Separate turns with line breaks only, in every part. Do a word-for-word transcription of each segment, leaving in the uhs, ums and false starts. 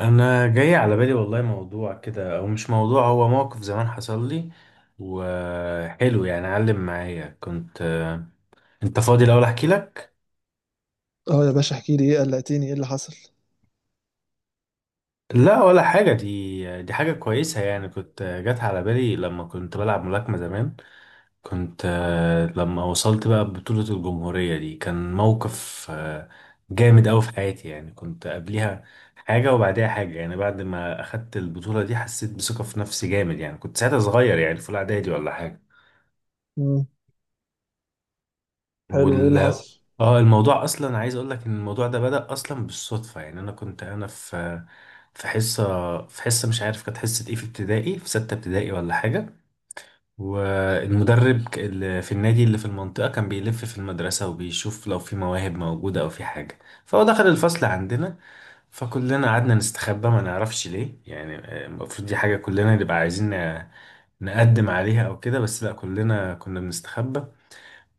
انا جاي على بالي والله موضوع كده او مش موضوع، هو موقف زمان حصل لي وحلو يعني، علم معايا. كنت انت فاضي الاول احكي لك.
اه يا باشا، احكي لي ايه، قلقتني. ايه اللي حصل؟
لا ولا حاجه، دي دي حاجه كويسه يعني. كنت جت على بالي لما كنت بلعب ملاكمه زمان. كنت لما وصلت بقى بطوله الجمهوريه دي، كان موقف جامد أوي في حياتي. يعني كنت قبليها حاجة وبعديها حاجة. يعني بعد ما أخدت البطولة دي حسيت بثقة في نفسي جامد. يعني كنت ساعتها صغير يعني في الإعدادي ولا حاجة.
مم. حلو، ايه
وال
اللي حصل؟
اه الموضوع اصلا عايز اقول لك ان الموضوع ده بدأ اصلا بالصدفة. يعني انا كنت انا في في حصة في حصة، مش عارف كانت حصة ايه، في ابتدائي، في ستة ابتدائي ولا حاجة. والمدرب ك- اللي في النادي، اللي في المنطقة، كان بيلف في المدرسة وبيشوف لو في مواهب موجودة او في حاجة. فهو دخل الفصل عندنا، فكلنا قعدنا نستخبى، ما نعرفش ليه يعني. آه، المفروض دي حاجة كلنا نبقى عايزين ن- نقدم عليها او كده، بس لا، كلنا كنا بنستخبى.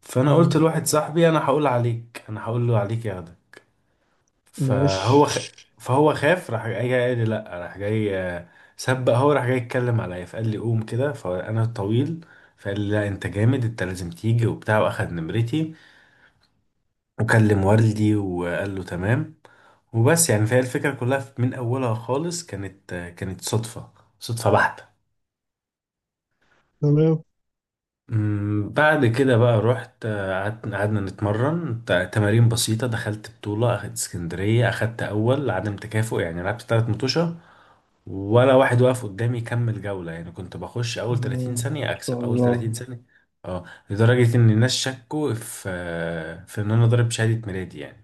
فانا قلت
مم.
لواحد صاحبي انا هقول عليك، انا هقول له عليك ياخدك. فهو
ماشي.
خ... فهو خاف، راح جاي جاي قال لي لا. راح جاي، آه، سبق، هو راح جاي يتكلم عليا، فقال لي قوم كده، فانا طويل. فقال لي لا، انت جامد، انت لازم تيجي وبتاع، واخد نمرتي وكلم والدي وقال له تمام وبس يعني. فهي الفكره كلها من اولها خالص كانت آه، كانت صدفه صدفه بحته.
تمام.
أمم، بعد كده بقى رحت، آه، قعدت، قعدنا نتمرن ت- تمارين بسيطة، دخلت بطولة، أخدت اسكندرية، أخدت أول عدم تكافؤ يعني. لعبت تلات مطوشة ولا واحد واقف قدامي يكمل جولة. يعني كنت بخش أول
مم.
ثلاثين ثانية
ما شاء
أكسب، أول
الله.
ثلاثين ثانية. اه، لدرجة إن الناس شكوا في آه، في إن أنا ضارب شهادة ميلادي يعني،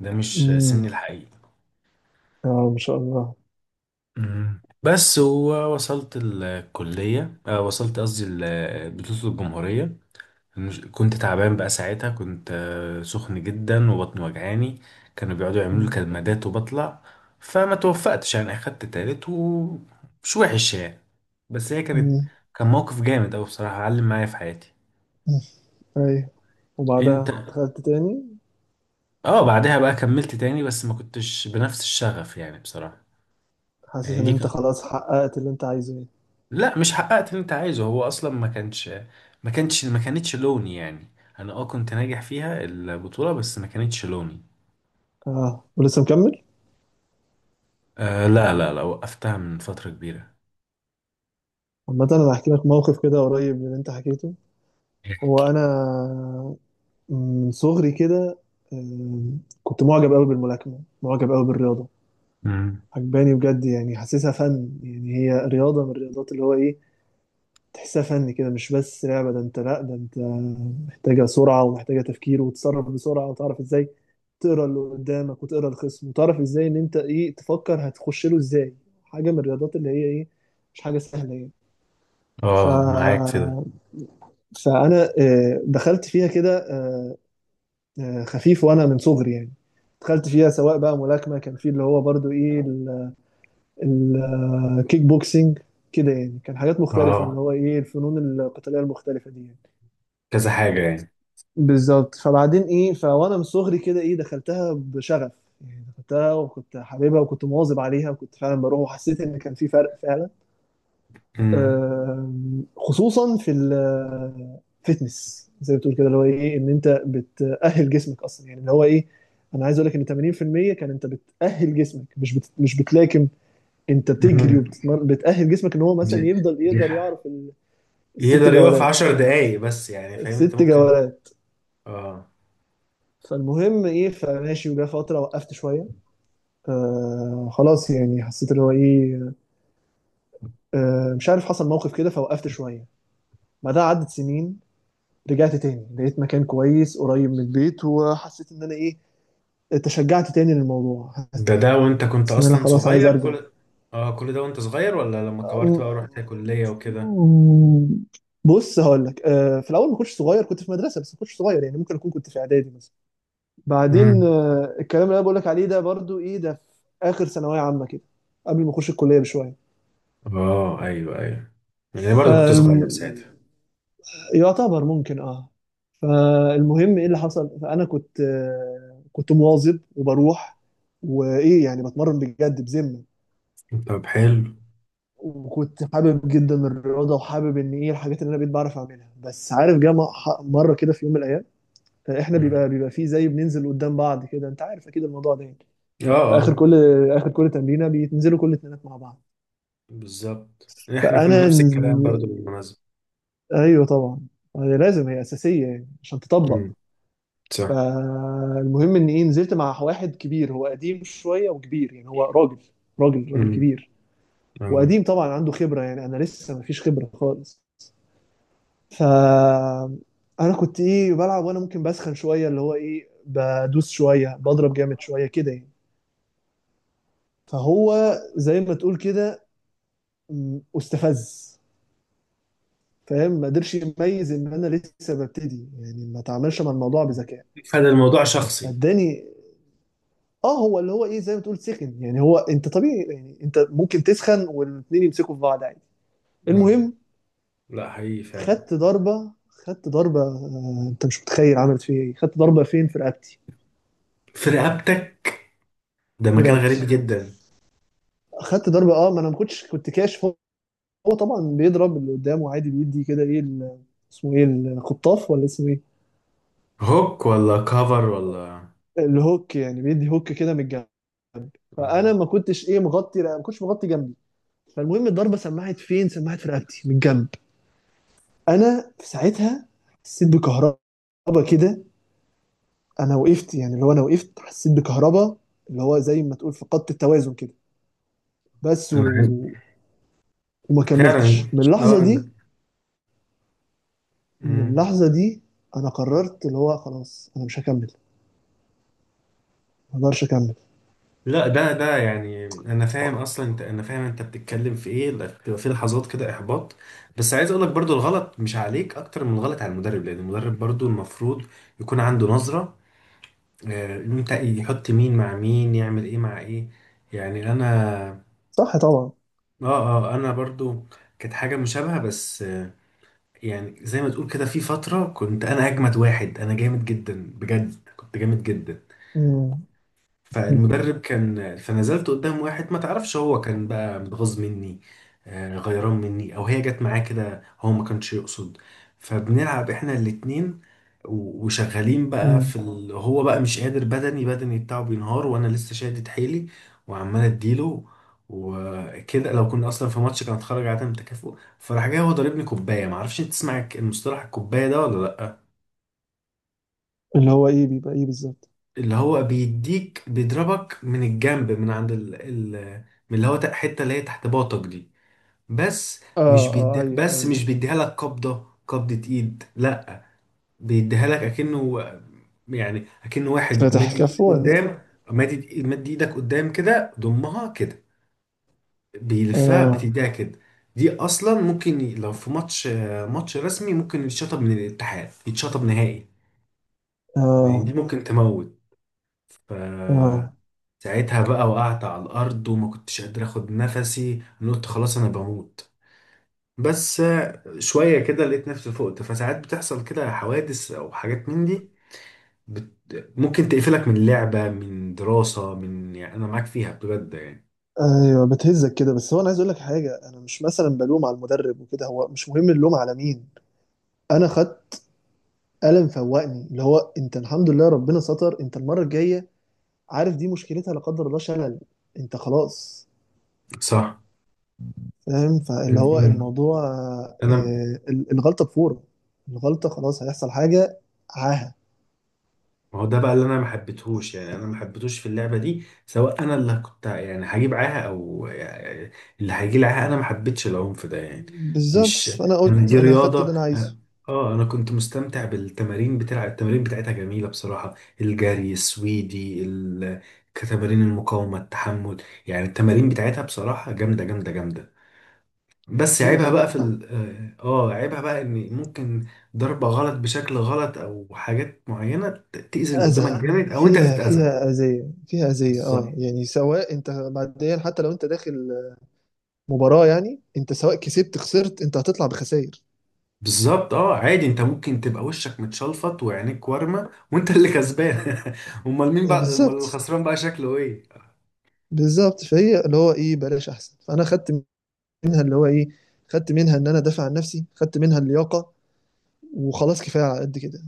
ده مش
مم.
سني الحقيقي.
اه، ما شاء الله.
أمم. بس ووصلت الكلية، آه، وصلت قصدي ال- بطولة الجمهورية، مش كنت تعبان بقى ساعتها، كنت آه، سخن جدا وبطني وجعاني، كانوا بيقعدوا يعملوا لي
مم.
كمادات وبطلع. فما توفقتش يعني، اخدت تالت ومش وحش يعني. بس هي كانت،
مم.
كان موقف جامد اوي بصراحة، علم معايا في حياتي.
مم. ايوه،
انت؟
وبعدها دخلت تاني؟
اه، بعدها بقى كملت تاني بس ما كنتش بنفس الشغف يعني بصراحة.
حاسس
يعني
ان
دي
انت
كان...
خلاص حققت اللي انت عايزه، ايه؟
لا، مش حققت اللي انت عايزه، هو اصلا ما كانش، ما كانش ما كانتش لوني يعني. انا اه كنت ناجح فيها البطولة بس ما كانتش لوني.
اه، ولسه مكمل؟
آه لا لا لا، وقفتها من فترة كبيرة.
عامة، انا هحكي لك موقف كده قريب من اللي انت حكيته. هو انا من صغري كده، آم، كنت معجب قوي بالملاكمة، معجب قوي بالرياضة.
امم.
عجباني بجد، يعني حاسسها فن. يعني هي رياضة من الرياضات اللي هو إيه، تحسها فن كده، مش بس لعبة. ده أنت، لأ ده أنت محتاجة سرعة، ومحتاجة تفكير، وتتصرف بسرعة، وتعرف إزاي تقرا اللي قدامك وتقرا الخصم، وتعرف إزاي إن أنت إيه، تفكر هتخش له إزاي. حاجة من الرياضات اللي هي إيه، مش حاجة سهلة يعني. ف...
اه، معاك في ده.
فأنا آه، دخلت فيها كده، آه، آه، خفيف وأنا من صغري يعني. دخلت فيها، سواء بقى ملاكمة، كان في اللي هو برضو إيه، الكيك بوكسينج، كده يعني، كان حاجات مختلفة اللي
اه،
هو ايه، الفنون القتالية المختلفة دي يعني.
كذا حاجة يعني.
بالظبط، فبعدين ايه، فوانا من صغري كده ايه، دخلتها بشغف. يعني دخلتها، وكنت حاببها، وكنت مواظب عليها، وكنت فعلا بروح، وحسيت ان كان في فرق فعلا.
امم.
آم، خصوصا في الفتنس زي ما بتقول كده، اللي هو ايه ان انت بتأهل جسمك اصلا، يعني اللي هو ايه، انا عايز اقول لك ان ثمانين بالمية كان انت بتأهل جسمك، مش بت... مش بتلاكم. انت بتجري
امم.
وبتتمرن، بتأهل جسمك ان هو
دي
مثلا يفضل
دي
يقدر
ح-
يعرف ال- الست
يقدر يقف
جولات
عشر دقايق بس يعني، فاهم انت
الست
ممكن.
جولات
اه.
فالمهم ايه، فماشي. وجا فتره وقفت شويه. آه خلاص يعني حسيت ان هو ايه، آه مش عارف حصل موقف كده، فوقفت شويه. بعدها عدت سنين، رجعت تاني، لقيت مكان كويس قريب من البيت، وحسيت ان انا ايه، تشجعت تاني للموضوع، حسيت
ده ده وانت كنت
ان انا
اصلا
خلاص عايز
صغير
ارجع.
كل، اه كل ده وانت صغير ولا لما كبرت بقى ورحت كلية وكده؟
بص، هقول لك. آه، في الاول ما كنتش صغير، كنت في مدرسه، بس ما كنتش صغير يعني، ممكن اكون كنت في اعدادي مثلا. بعدين
امم.
آه، الكلام اللي انا بقول لك عليه ده برضو ايه ده، في اخر ثانويه عامه كده، قبل ما اخش الكليه بشويه.
اه ايوه ايوه. يعني برضه كنت
فالم...
صغير ساعتها.
يعتبر، ممكن اه. فالمهم ايه اللي حصل، فانا كنت آه، كنت مواظب وبروح، وايه يعني، بتمرن بجد بذمه.
طب حلو.
وكنت حابب جدا الرياضه، وحابب ان ايه الحاجات اللي انا بقيت بعرف اعملها. بس عارف، جه م- ح- مره كده في يوم من الايام، آه، احنا
امم.
بيبقى بيبقى فيه زي بننزل قدام بعض كده، انت عارف اكيد الموضوع ده يعني.
اه
في اخر
اه
كل اخر كل تمرينه بينزلوا كل اتنينات مع بعض.
بالظبط، احنا كنا
فانا،
نفس الكلام برضه بالمناسبة.
ايوه طبعا، هي لازم، هي اساسيه يعني عشان تطبق.
امم. صح.
فالمهم ان ايه، نزلت مع واحد كبير، هو قديم شويه وكبير يعني، هو راجل راجل راجل
امم.
كبير.
آه.
وقديم طبعا، عنده خبره يعني. انا لسه مفيش خبره خالص. ف انا كنت ايه، بلعب وانا ممكن بسخن شويه، اللي هو ايه، بدوس شويه، بضرب جامد شويه كده يعني. فهو زي ما تقول كده، م، استفز، فاهم، ما قدرش يميز ان انا لسه ببتدي يعني، ما تعاملش مع الموضوع بذكاء.
فده الموضوع شخصي.
فاداني، اه. هو اللي هو ايه زي ما تقول سخن يعني، هو انت طبيعي يعني، انت ممكن تسخن والاتنين يمسكوا في بعض عادي.
آه.
المهم،
لا حقيقي فعلا.
خدت ضربه، خدت ضربه. آه انت مش متخيل عملت فيا ايه! خدت ضربه فين؟ في رقبتي.
في رقبتك؟ ده
في
مكان غريب
رقبتي.
جدا.
خدت ضربه، اه. ما انا ما كنتش كنت كاشف. هو هو طبعا بيضرب اللي قدامه عادي، بيدي كده، ايه ال- اسمه ايه، الخطاف، ولا اسمه ايه؟
هوك ولا كفر ولا؟
الهوك، يعني بيدي هوك كده من الجنب. فانا
آه.
ما كنتش ايه مغطي ما كنتش مغطي جنبي. فالمهم الضربه، سمعت فين؟ سمعت في رقبتي من الجنب. انا في ساعتها حسيت بكهربا كده. انا وقفت يعني اللي هو انا وقفت، حسيت بكهربا، اللي هو زي ما تقول فقدت التوازن كده. بس.
أنا عارف.
و... وما كملتش
فعلا.
من
اه
اللحظه دي.
أنا-
من
مم.
اللحظه دي انا قررت اللي هو خلاص انا مش هكمل، ما اقدرش اكمل.
لا ده ده يعني، انا فاهم اصلا، انت، انا فاهم انت بتتكلم في ايه. لا، بتبقى في لحظات كده احباط. بس عايز اقول لك برضو، الغلط مش عليك اكتر من الغلط على المدرب، لان المدرب برضو المفروض يكون عنده نظرة آه، انت يحط مين مع مين، يعمل ايه مع ايه. يعني انا
صح طبعا.
اه اه آه، انا برضو كانت حاجه مشابهه بس، آه، يعني زي ما تقول كده، في فتره كنت انا اجمد واحد، انا جامد جدا بجد، كنت جامد جدا.
مم.
فالمدرب كان، فنزلت قدام واحد ما تعرفش، هو كان بقى متغاظ مني آه، غيران مني، او هي جت معاه كده، هو ما كانش يقصد. فبنلعب احنا الاتنين و- وشغالين بقى
مم.
في ال... هو بقى مش قادر بدني، بدني بتاعه بينهار، وانا لسه شادد حيلي وعمال اديله وكده. لو كنا اصلا في ماتش كان اتخرج عدم تكافؤ. فراح جاي هو ضاربني كوبايه، ما اعرفش انت تسمع المصطلح الكوبايه ده ولا لا.
اللي هو ايه، بيبقى ايه بالظبط؟
اللي هو بيديك، بيضربك من الجنب من عند ال... ال... من اللي هو تق- حته اللي هي تحت باطك دي، بس مش
اه، اه،
بيدي...
ايوه،
بس
ايوه.
مش بيديها لك قبضه، قبضه ايد لا، بيديها لك اكنه، يعني اكنه واحد
فاتح
مادي ايدك
كفه ولا ايه؟
قدام، مادي مادي ايدك قدام كده، ضمها كده بيلفها
اه،
بتديها كده. دي اصلا ممكن ي- لو في ماتش ماتش رسمي، ممكن يتشطب من الاتحاد، يتشطب نهائي، لان دي
اه،
ممكن تموت. ف
اه،
ساعتها بقى وقعت على الأرض وما كنتش قادر أخد نفسي. أنا قلت خلاص أنا بموت. بس آه، شوية كده لقيت نفسي فقت. فساعات بتحصل كده حوادث أو حاجات من دي بت... ممكن تقفلك من لعبة، من دراسة، من، يعني أنا معاك فيها بجد يعني.
ايوه. بتهزك كده، بس هو انا عايز اقول لك حاجه، انا مش مثلا بلوم على المدرب وكده، هو مش مهم اللوم على مين. انا خدت قلم فوقني، اللي هو انت الحمد لله ربنا ستر، انت المره الجايه عارف دي مشكلتها، لا قدر الله، شلل. انت خلاص،
صح.
فاهم، فاللي هو
أمم.
الموضوع،
أنا،
آه ال- الغلطه بفوره، الغلطه خلاص هيحصل حاجه، عاهه.
ما هو ده بقى اللي انا ما حبيتهوش يعني. انا ما حبيتهوش في اللعبه دي، سواء انا اللي كنت يعني هجيب معاها او يعني اللي هيجي معاها، انا ما حبيتش العنف ده يعني.
بالظبط،
مش بس،
فانا
انا
قلت
دي
انا خدت اللي
رياضه
انا
أنا-
عايزه.
اه، انا كنت مستمتع بالتمارين، بتاع التمارين بتاعتها جميله بصراحه، الجري السويدي، ال... كتمارين المقاومه، التحمل، يعني التمارين بتاعتها بصراحه جامده جامده جامده. بس
ايوه
عيبها
طبعا.
بقى في ال اه آه، عيبها بقى ان ممكن ضربة غلط بشكل غلط او حاجات معينة ت- تأذي اللي قدامك
أذى،
جامد او انت
فيها
تتأذى.
فيها أذية، فيها أذية، اه
بالظبط.
يعني، سواء انت بعدين حتى لو انت داخل مباراة يعني، انت سواء كسبت خسرت، انت هتطلع بخسائر.
بالظبط. اه عادي، انت ممكن تبقى وشك متشلفط وعينيك وارمة وانت اللي كسبان. امال مين
آه،
بقى، امال
بالظبط.
الخسران بقى شكله ايه؟
بالظبط، فهي اللي هو ايه بلاش احسن. فانا خدت منها اللي هو ايه، خدت منها ان انا دافع عن نفسي، خدت منها اللياقة، وخلاص كفاية على قد كده.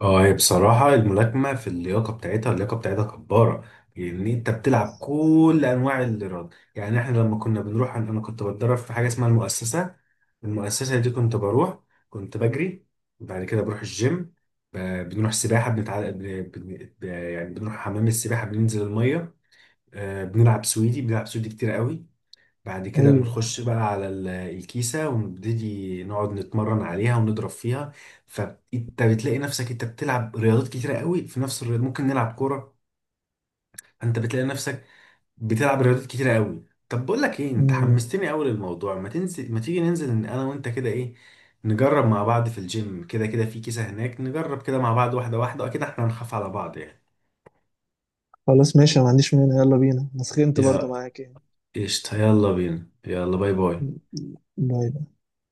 اه، هي بصراحة الملاكمة، في اللياقة بتاعتها، اللياقة بتاعتها جبارة. يعني انت بتلعب كل انواع الايراد. يعني احنا لما كنا بنروح، انا أنا كنت بتدرب في حاجة اسمها المؤسسة. المؤسسة دي كنت بروح، كنت بجري، بعد كده بروح الجيم، ب- بنروح سباحة، بنتع... بن... بن... ب- يعني بنروح حمام السباحة، بننزل المية، آه، بنلعب سويدي، بنلعب سويدي كتير قوي. بعد كده
ايوه.
بنخش بقى على ال- الكيسة ونبتدي نقعد نتمرن عليها ونضرب فيها. فانت بتلاقي نفسك انت بتلعب رياضات كتيرة قوي في نفس الرياضة، ممكن نلعب كورة. فانت بتلاقي نفسك بتلعب رياضات كتيرة قوي. طب بقول لك ايه، انت
امم.
حمستني قوي للموضوع، ما تنزل، ما تيجي ننزل، إن انا وانت كده ايه، نجرب مع بعض في الجيم، كده كده في كيسة هناك، نجرب كده مع بعض واحدة واحدة، واكيد احنا هنخاف على بعض يعني.
خلاص ماشي، أنا ما عنديش مانع. يلا بينا، انا سخنت برضو
يا
معاك يعني.
قشطة، يلا بينا، يلا، باي باي.
م- م- باي.